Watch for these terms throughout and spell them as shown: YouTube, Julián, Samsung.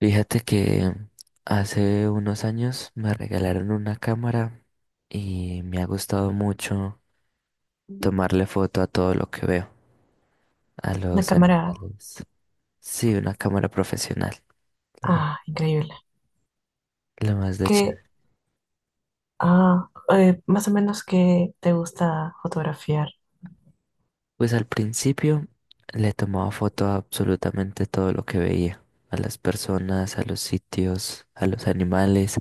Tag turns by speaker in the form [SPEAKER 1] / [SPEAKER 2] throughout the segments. [SPEAKER 1] Fíjate que hace unos años me regalaron una cámara y me ha gustado mucho tomarle foto a todo lo que veo, a
[SPEAKER 2] Una
[SPEAKER 1] los
[SPEAKER 2] cámara,
[SPEAKER 1] animales. Sí, una cámara profesional, lo ma-
[SPEAKER 2] ah, increíble.
[SPEAKER 1] lo más de
[SPEAKER 2] ¿Qué,
[SPEAKER 1] chévere.
[SPEAKER 2] Más o menos, ¿qué te gusta fotografiar?
[SPEAKER 1] Pues al principio le tomaba foto a absolutamente todo lo que veía, a las personas, a los sitios, a los animales,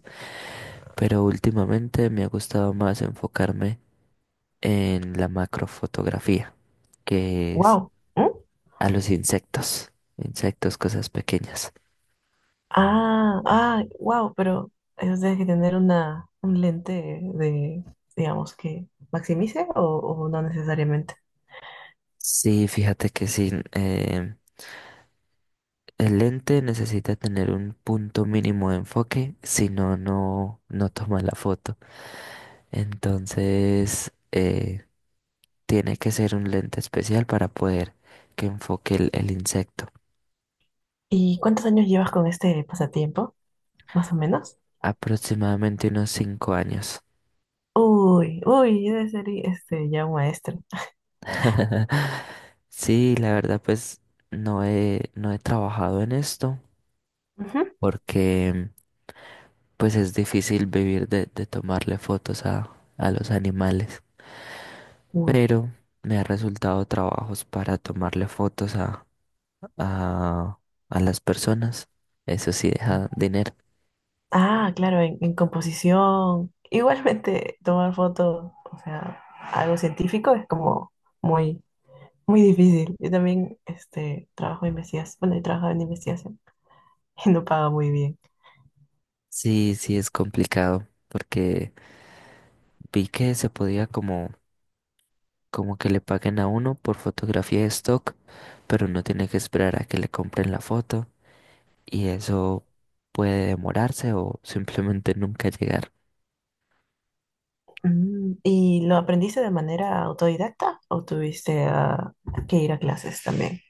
[SPEAKER 1] pero últimamente me ha gustado más enfocarme en la macrofotografía, que es.
[SPEAKER 2] Wow.
[SPEAKER 1] A los insectos, insectos, cosas pequeñas.
[SPEAKER 2] Ah, ah, wow, pero eso tienes que tener un lente de, digamos, que maximice o no necesariamente.
[SPEAKER 1] Sí, fíjate que sí, el lente necesita tener un punto mínimo de enfoque, si no, no toma la foto. Entonces, tiene que ser un lente especial para poder que enfoque el insecto.
[SPEAKER 2] ¿Y cuántos años llevas con este pasatiempo, más o menos?
[SPEAKER 1] Aproximadamente unos 5 años.
[SPEAKER 2] Uy, debe ser ya un maestro.
[SPEAKER 1] Sí, la verdad, pues no he trabajado en esto
[SPEAKER 2] Ujú.
[SPEAKER 1] porque pues es difícil vivir de tomarle fotos a los animales, pero me ha resultado trabajos para tomarle fotos a, a las personas. Eso sí deja dinero.
[SPEAKER 2] Ah, claro, en composición. Igualmente, tomar fotos, o sea, algo científico es como muy, muy difícil. Yo también, trabajo en investigación, bueno, he trabajado en investigación. No paga muy bien.
[SPEAKER 1] Sí, sí es complicado porque vi que se podía como que le paguen a uno por fotografía de stock, pero uno tiene que esperar a que le compren la foto y eso puede demorarse o simplemente nunca llegar.
[SPEAKER 2] Mm, ¿y lo aprendiste de manera autodidacta o tuviste que ir a clases también?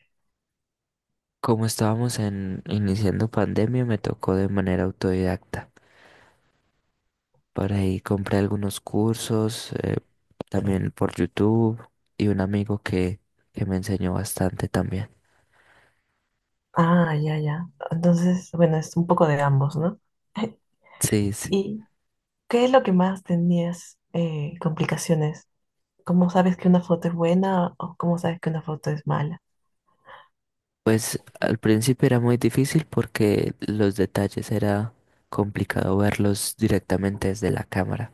[SPEAKER 1] Como estábamos en iniciando pandemia, me tocó de manera autodidacta. Por ahí compré algunos cursos, también por YouTube, y un amigo que me enseñó bastante también.
[SPEAKER 2] Ah, ya, ya. Entonces, bueno, es un poco de ambos, ¿no?
[SPEAKER 1] Sí, sí.
[SPEAKER 2] ¿Y qué es lo que más tenías, complicaciones? ¿Cómo sabes que una foto es buena o cómo sabes que una foto es mala?
[SPEAKER 1] Pues al principio era muy difícil porque los detalles era complicado verlos directamente desde la cámara.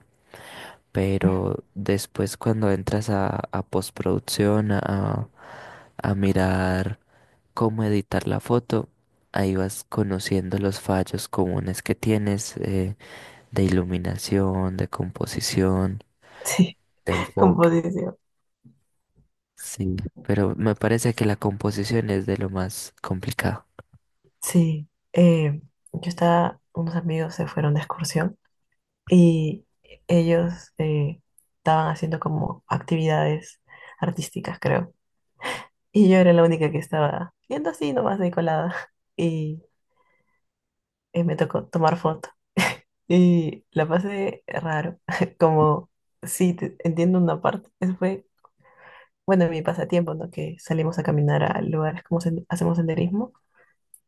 [SPEAKER 1] Pero después cuando entras a postproducción, a mirar cómo editar la foto. Ahí vas conociendo los fallos comunes que tienes de iluminación, de composición,
[SPEAKER 2] Sí,
[SPEAKER 1] de enfoque.
[SPEAKER 2] composición.
[SPEAKER 1] Sí, pero me parece que la composición es de lo más complicado.
[SPEAKER 2] Sí, eh, yo estaba, unos amigos se fueron de excursión. Y ellos, estaban haciendo como actividades artísticas, creo. Y yo era la única que estaba viendo así nomás de colada y me tocó tomar foto. Y la pasé raro, como sí, entiendo una parte. Eso fue, bueno, mi pasatiempo, ¿no? Que salimos a caminar a lugares como hacemos senderismo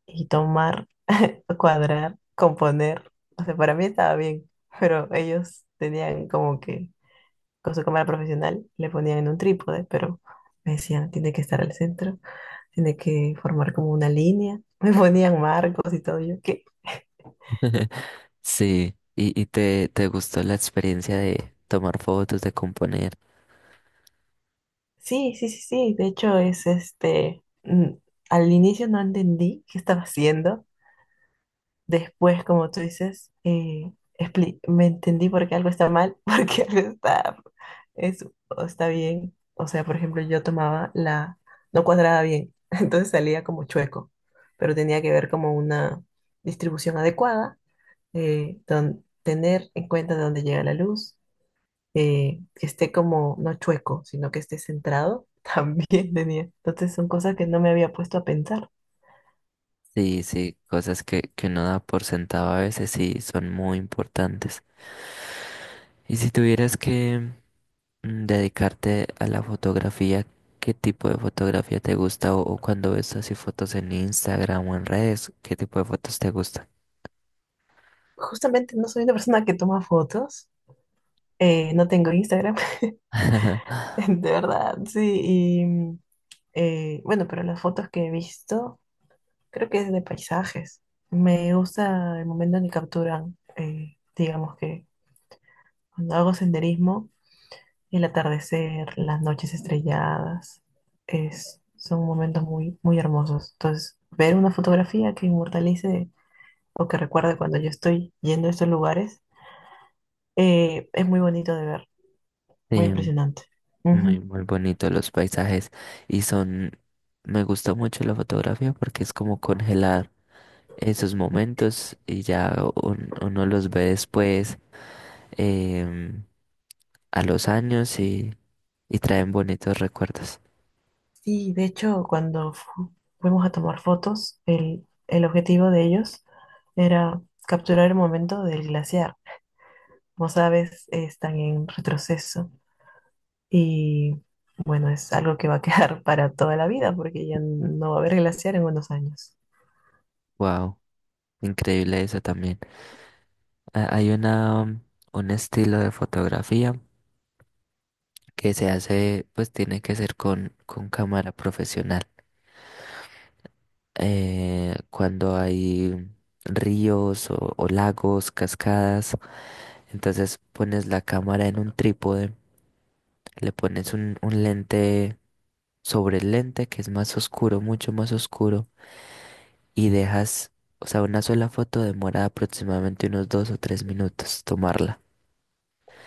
[SPEAKER 2] y tomar, cuadrar, componer. O sea, para mí estaba bien, pero ellos tenían como que con su cámara profesional, le ponían en un trípode, pero me decían, tiene que estar al centro, tiene que formar como una línea. Me ponían marcos y todo. Yo, que
[SPEAKER 1] Sí, y te gustó la experiencia de tomar fotos, de componer.
[SPEAKER 2] sí, sí, sí, sí. De hecho, es mm, al inicio no entendí qué estaba haciendo. Después, como tú dices, me entendí por qué algo está mal, por qué algo está, es, o está bien. O sea, por ejemplo, yo tomaba la, no cuadraba bien, entonces salía como chueco, pero tenía que ver como una distribución adecuada, tener en cuenta de dónde llega la luz, que esté como, no chueco, sino que esté centrado, también tenía. Entonces son cosas que no me había puesto a pensar.
[SPEAKER 1] Sí, sí, cosas que uno da por sentado a veces sí son muy importantes. Y si tuvieras que dedicarte a la fotografía, ¿qué tipo de fotografía te gusta? ¿O, o cuando ves así fotos en Instagram o en redes, qué tipo de fotos te gustan?
[SPEAKER 2] Justamente no soy una persona que toma fotos. No tengo Instagram, de verdad, sí. Y mm, bueno, pero las fotos que he visto, creo que es de paisajes. Me gusta el momento en que capturan, digamos que cuando hago senderismo, el atardecer, las noches estrelladas, es, son momentos muy hermosos. Entonces, ver una fotografía que inmortalice o que recuerde cuando yo estoy yendo a estos lugares, es muy bonito de ver, muy
[SPEAKER 1] Sí,
[SPEAKER 2] impresionante.
[SPEAKER 1] muy, muy bonito los paisajes y son, me gusta mucho la fotografía porque es como congelar esos momentos y ya uno los ve después em, a los años y traen bonitos recuerdos.
[SPEAKER 2] Sí, de hecho, cuando fuimos a tomar fotos, el objetivo de ellos era capturar el momento del glaciar. Como sabes, están en retroceso y bueno, es algo que va a quedar para toda la vida porque ya no va a haber glaciar en unos años.
[SPEAKER 1] Wow, increíble eso también. Hay una, un estilo de fotografía que se hace, pues tiene que ser con cámara profesional. Cuando hay ríos o lagos, cascadas, entonces pones la cámara en un trípode, le pones un lente sobre el lente que es más oscuro, mucho más oscuro, y dejas, o sea, una sola foto demora aproximadamente unos dos o tres minutos tomarla.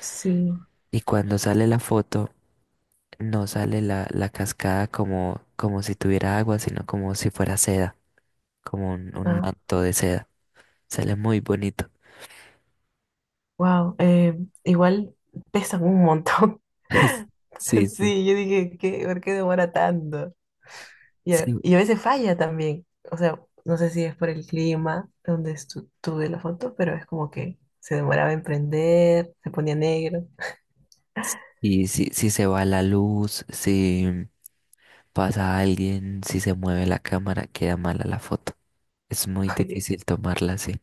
[SPEAKER 2] Sí,
[SPEAKER 1] Y cuando sale la foto, no sale la cascada como si tuviera agua, sino como si fuera seda, como un
[SPEAKER 2] ah,
[SPEAKER 1] manto de seda. Sale muy bonito.
[SPEAKER 2] wow, igual pesan un montón.
[SPEAKER 1] Sí, sí.
[SPEAKER 2] Sí, yo dije, ¿qué? ¿Por qué demora tanto?
[SPEAKER 1] Sí.
[SPEAKER 2] Y a veces falla también. O sea, no sé si es por el clima donde estuve la foto, pero es como que se demoraba en prender, se ponía negro.
[SPEAKER 1] Y si se va la luz, si pasa alguien, si se mueve la cámara, queda mala la foto. Es muy
[SPEAKER 2] Oye,
[SPEAKER 1] difícil tomarla así.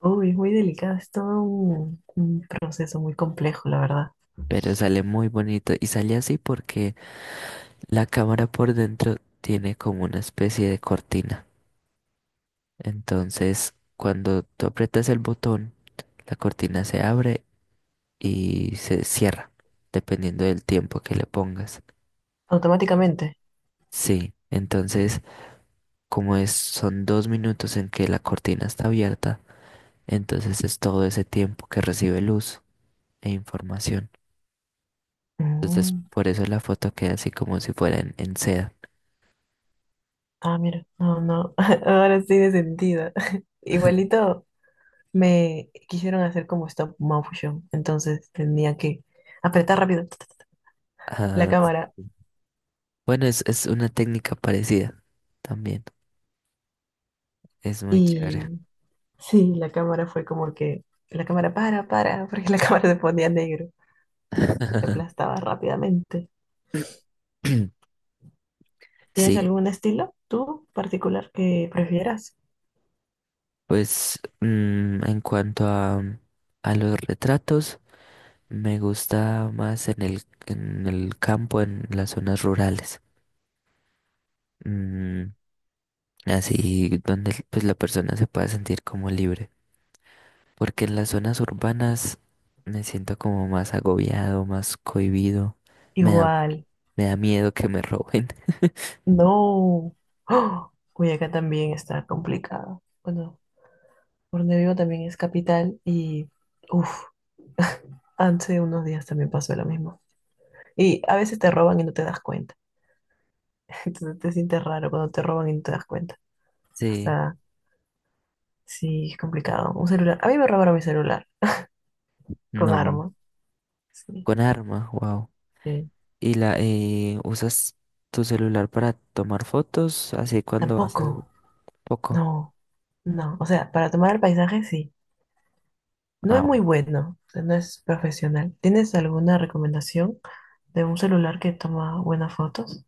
[SPEAKER 2] uy, es muy delicado, es todo un proceso muy complejo, la verdad.
[SPEAKER 1] Pero sale muy bonito y sale así porque la cámara por dentro tiene como una especie de cortina. Entonces, cuando tú aprietas el botón, la cortina se abre y se cierra, dependiendo del tiempo que le pongas.
[SPEAKER 2] Automáticamente.
[SPEAKER 1] Sí, entonces como es, son dos minutos en que la cortina está abierta, entonces es todo ese tiempo que recibe luz e información. Entonces
[SPEAKER 2] Mm.
[SPEAKER 1] por eso la foto queda así como si fuera en seda.
[SPEAKER 2] Ah, mira, no, no, ahora sí de sentido. Igualito me quisieron hacer como stop motion, entonces tenía que apretar rápido la
[SPEAKER 1] Ah,
[SPEAKER 2] cámara.
[SPEAKER 1] bueno, es una técnica parecida también. Es muy chévere.
[SPEAKER 2] Y sí, la cámara fue como que la cámara para, porque la cámara se ponía negro, se aplastaba rápidamente. ¿Tienes
[SPEAKER 1] Sí,
[SPEAKER 2] algún estilo tú particular que prefieras?
[SPEAKER 1] pues en cuanto a los retratos. Me gusta más en el campo, en las zonas rurales. Mm, así donde pues la persona se pueda sentir como libre. Porque en las zonas urbanas me siento como más agobiado, más cohibido. Me da,
[SPEAKER 2] Igual,
[SPEAKER 1] me da miedo que me roben.
[SPEAKER 2] no. ¡Oh! Uy, también está complicado. Bueno, por donde vivo también es capital y uff, hace unos días también pasó lo mismo. Y a veces te roban y no te das cuenta. Entonces te sientes raro cuando te roban y no te das cuenta. O
[SPEAKER 1] Sí,
[SPEAKER 2] sea, sí, es complicado. Un celular. A mí me robaron mi celular. Con
[SPEAKER 1] no.
[SPEAKER 2] armas, sí,
[SPEAKER 1] Con arma, wow.
[SPEAKER 2] sí.
[SPEAKER 1] Y la usas tu celular para tomar fotos así cuando vas al
[SPEAKER 2] Tampoco,
[SPEAKER 1] poco.
[SPEAKER 2] no, no. O sea, para tomar el paisaje, sí. No
[SPEAKER 1] Ah,
[SPEAKER 2] es muy bueno, o sea, no es profesional. ¿Tienes alguna recomendación de un celular que toma buenas fotos?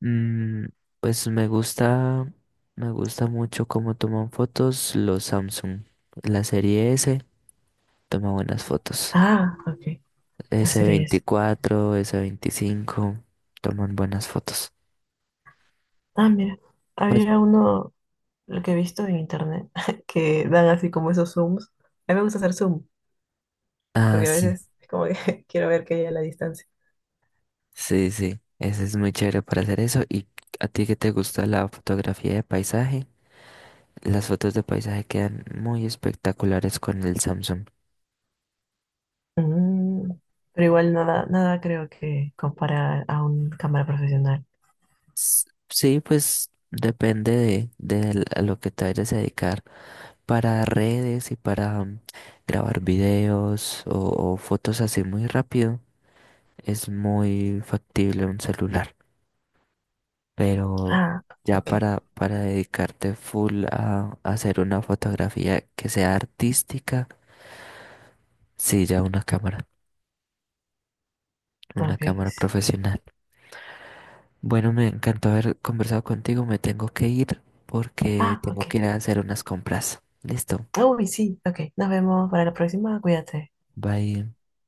[SPEAKER 1] mm, pues me gusta mucho cómo toman fotos los Samsung. La serie S toma buenas fotos.
[SPEAKER 2] Ah, ok, la
[SPEAKER 1] s
[SPEAKER 2] serie es.
[SPEAKER 1] veinticuatro S25 toman buenas fotos.
[SPEAKER 2] Ah, mira,
[SPEAKER 1] Pues,
[SPEAKER 2] había uno, lo que he visto en internet, que dan así como esos zooms. A mí me gusta hacer zoom,
[SPEAKER 1] ah,
[SPEAKER 2] porque a
[SPEAKER 1] sí,
[SPEAKER 2] veces es como que quiero ver qué hay a la distancia.
[SPEAKER 1] sí, sí. Ese es muy chévere para hacer eso. ¿Y a ti que te gusta la fotografía de paisaje? Las fotos de paisaje quedan muy espectaculares con el Samsung.
[SPEAKER 2] Mm, pero igual nada creo que compara a una cámara profesional.
[SPEAKER 1] Sí, pues depende de a lo que te vayas a dedicar. Para redes y para grabar videos o fotos así muy rápido, es muy factible un celular. Pero
[SPEAKER 2] Ah,
[SPEAKER 1] ya
[SPEAKER 2] ok,
[SPEAKER 1] para dedicarte full a hacer una fotografía que sea artística, sí, ya una
[SPEAKER 2] ok.
[SPEAKER 1] cámara profesional. Bueno, me encantó haber conversado contigo, me tengo que ir porque
[SPEAKER 2] Ah,
[SPEAKER 1] tengo que
[SPEAKER 2] ok.
[SPEAKER 1] ir a hacer unas compras. Listo,
[SPEAKER 2] Uy, sí, ok. Nos vemos para la próxima. Cuídate.
[SPEAKER 1] bye.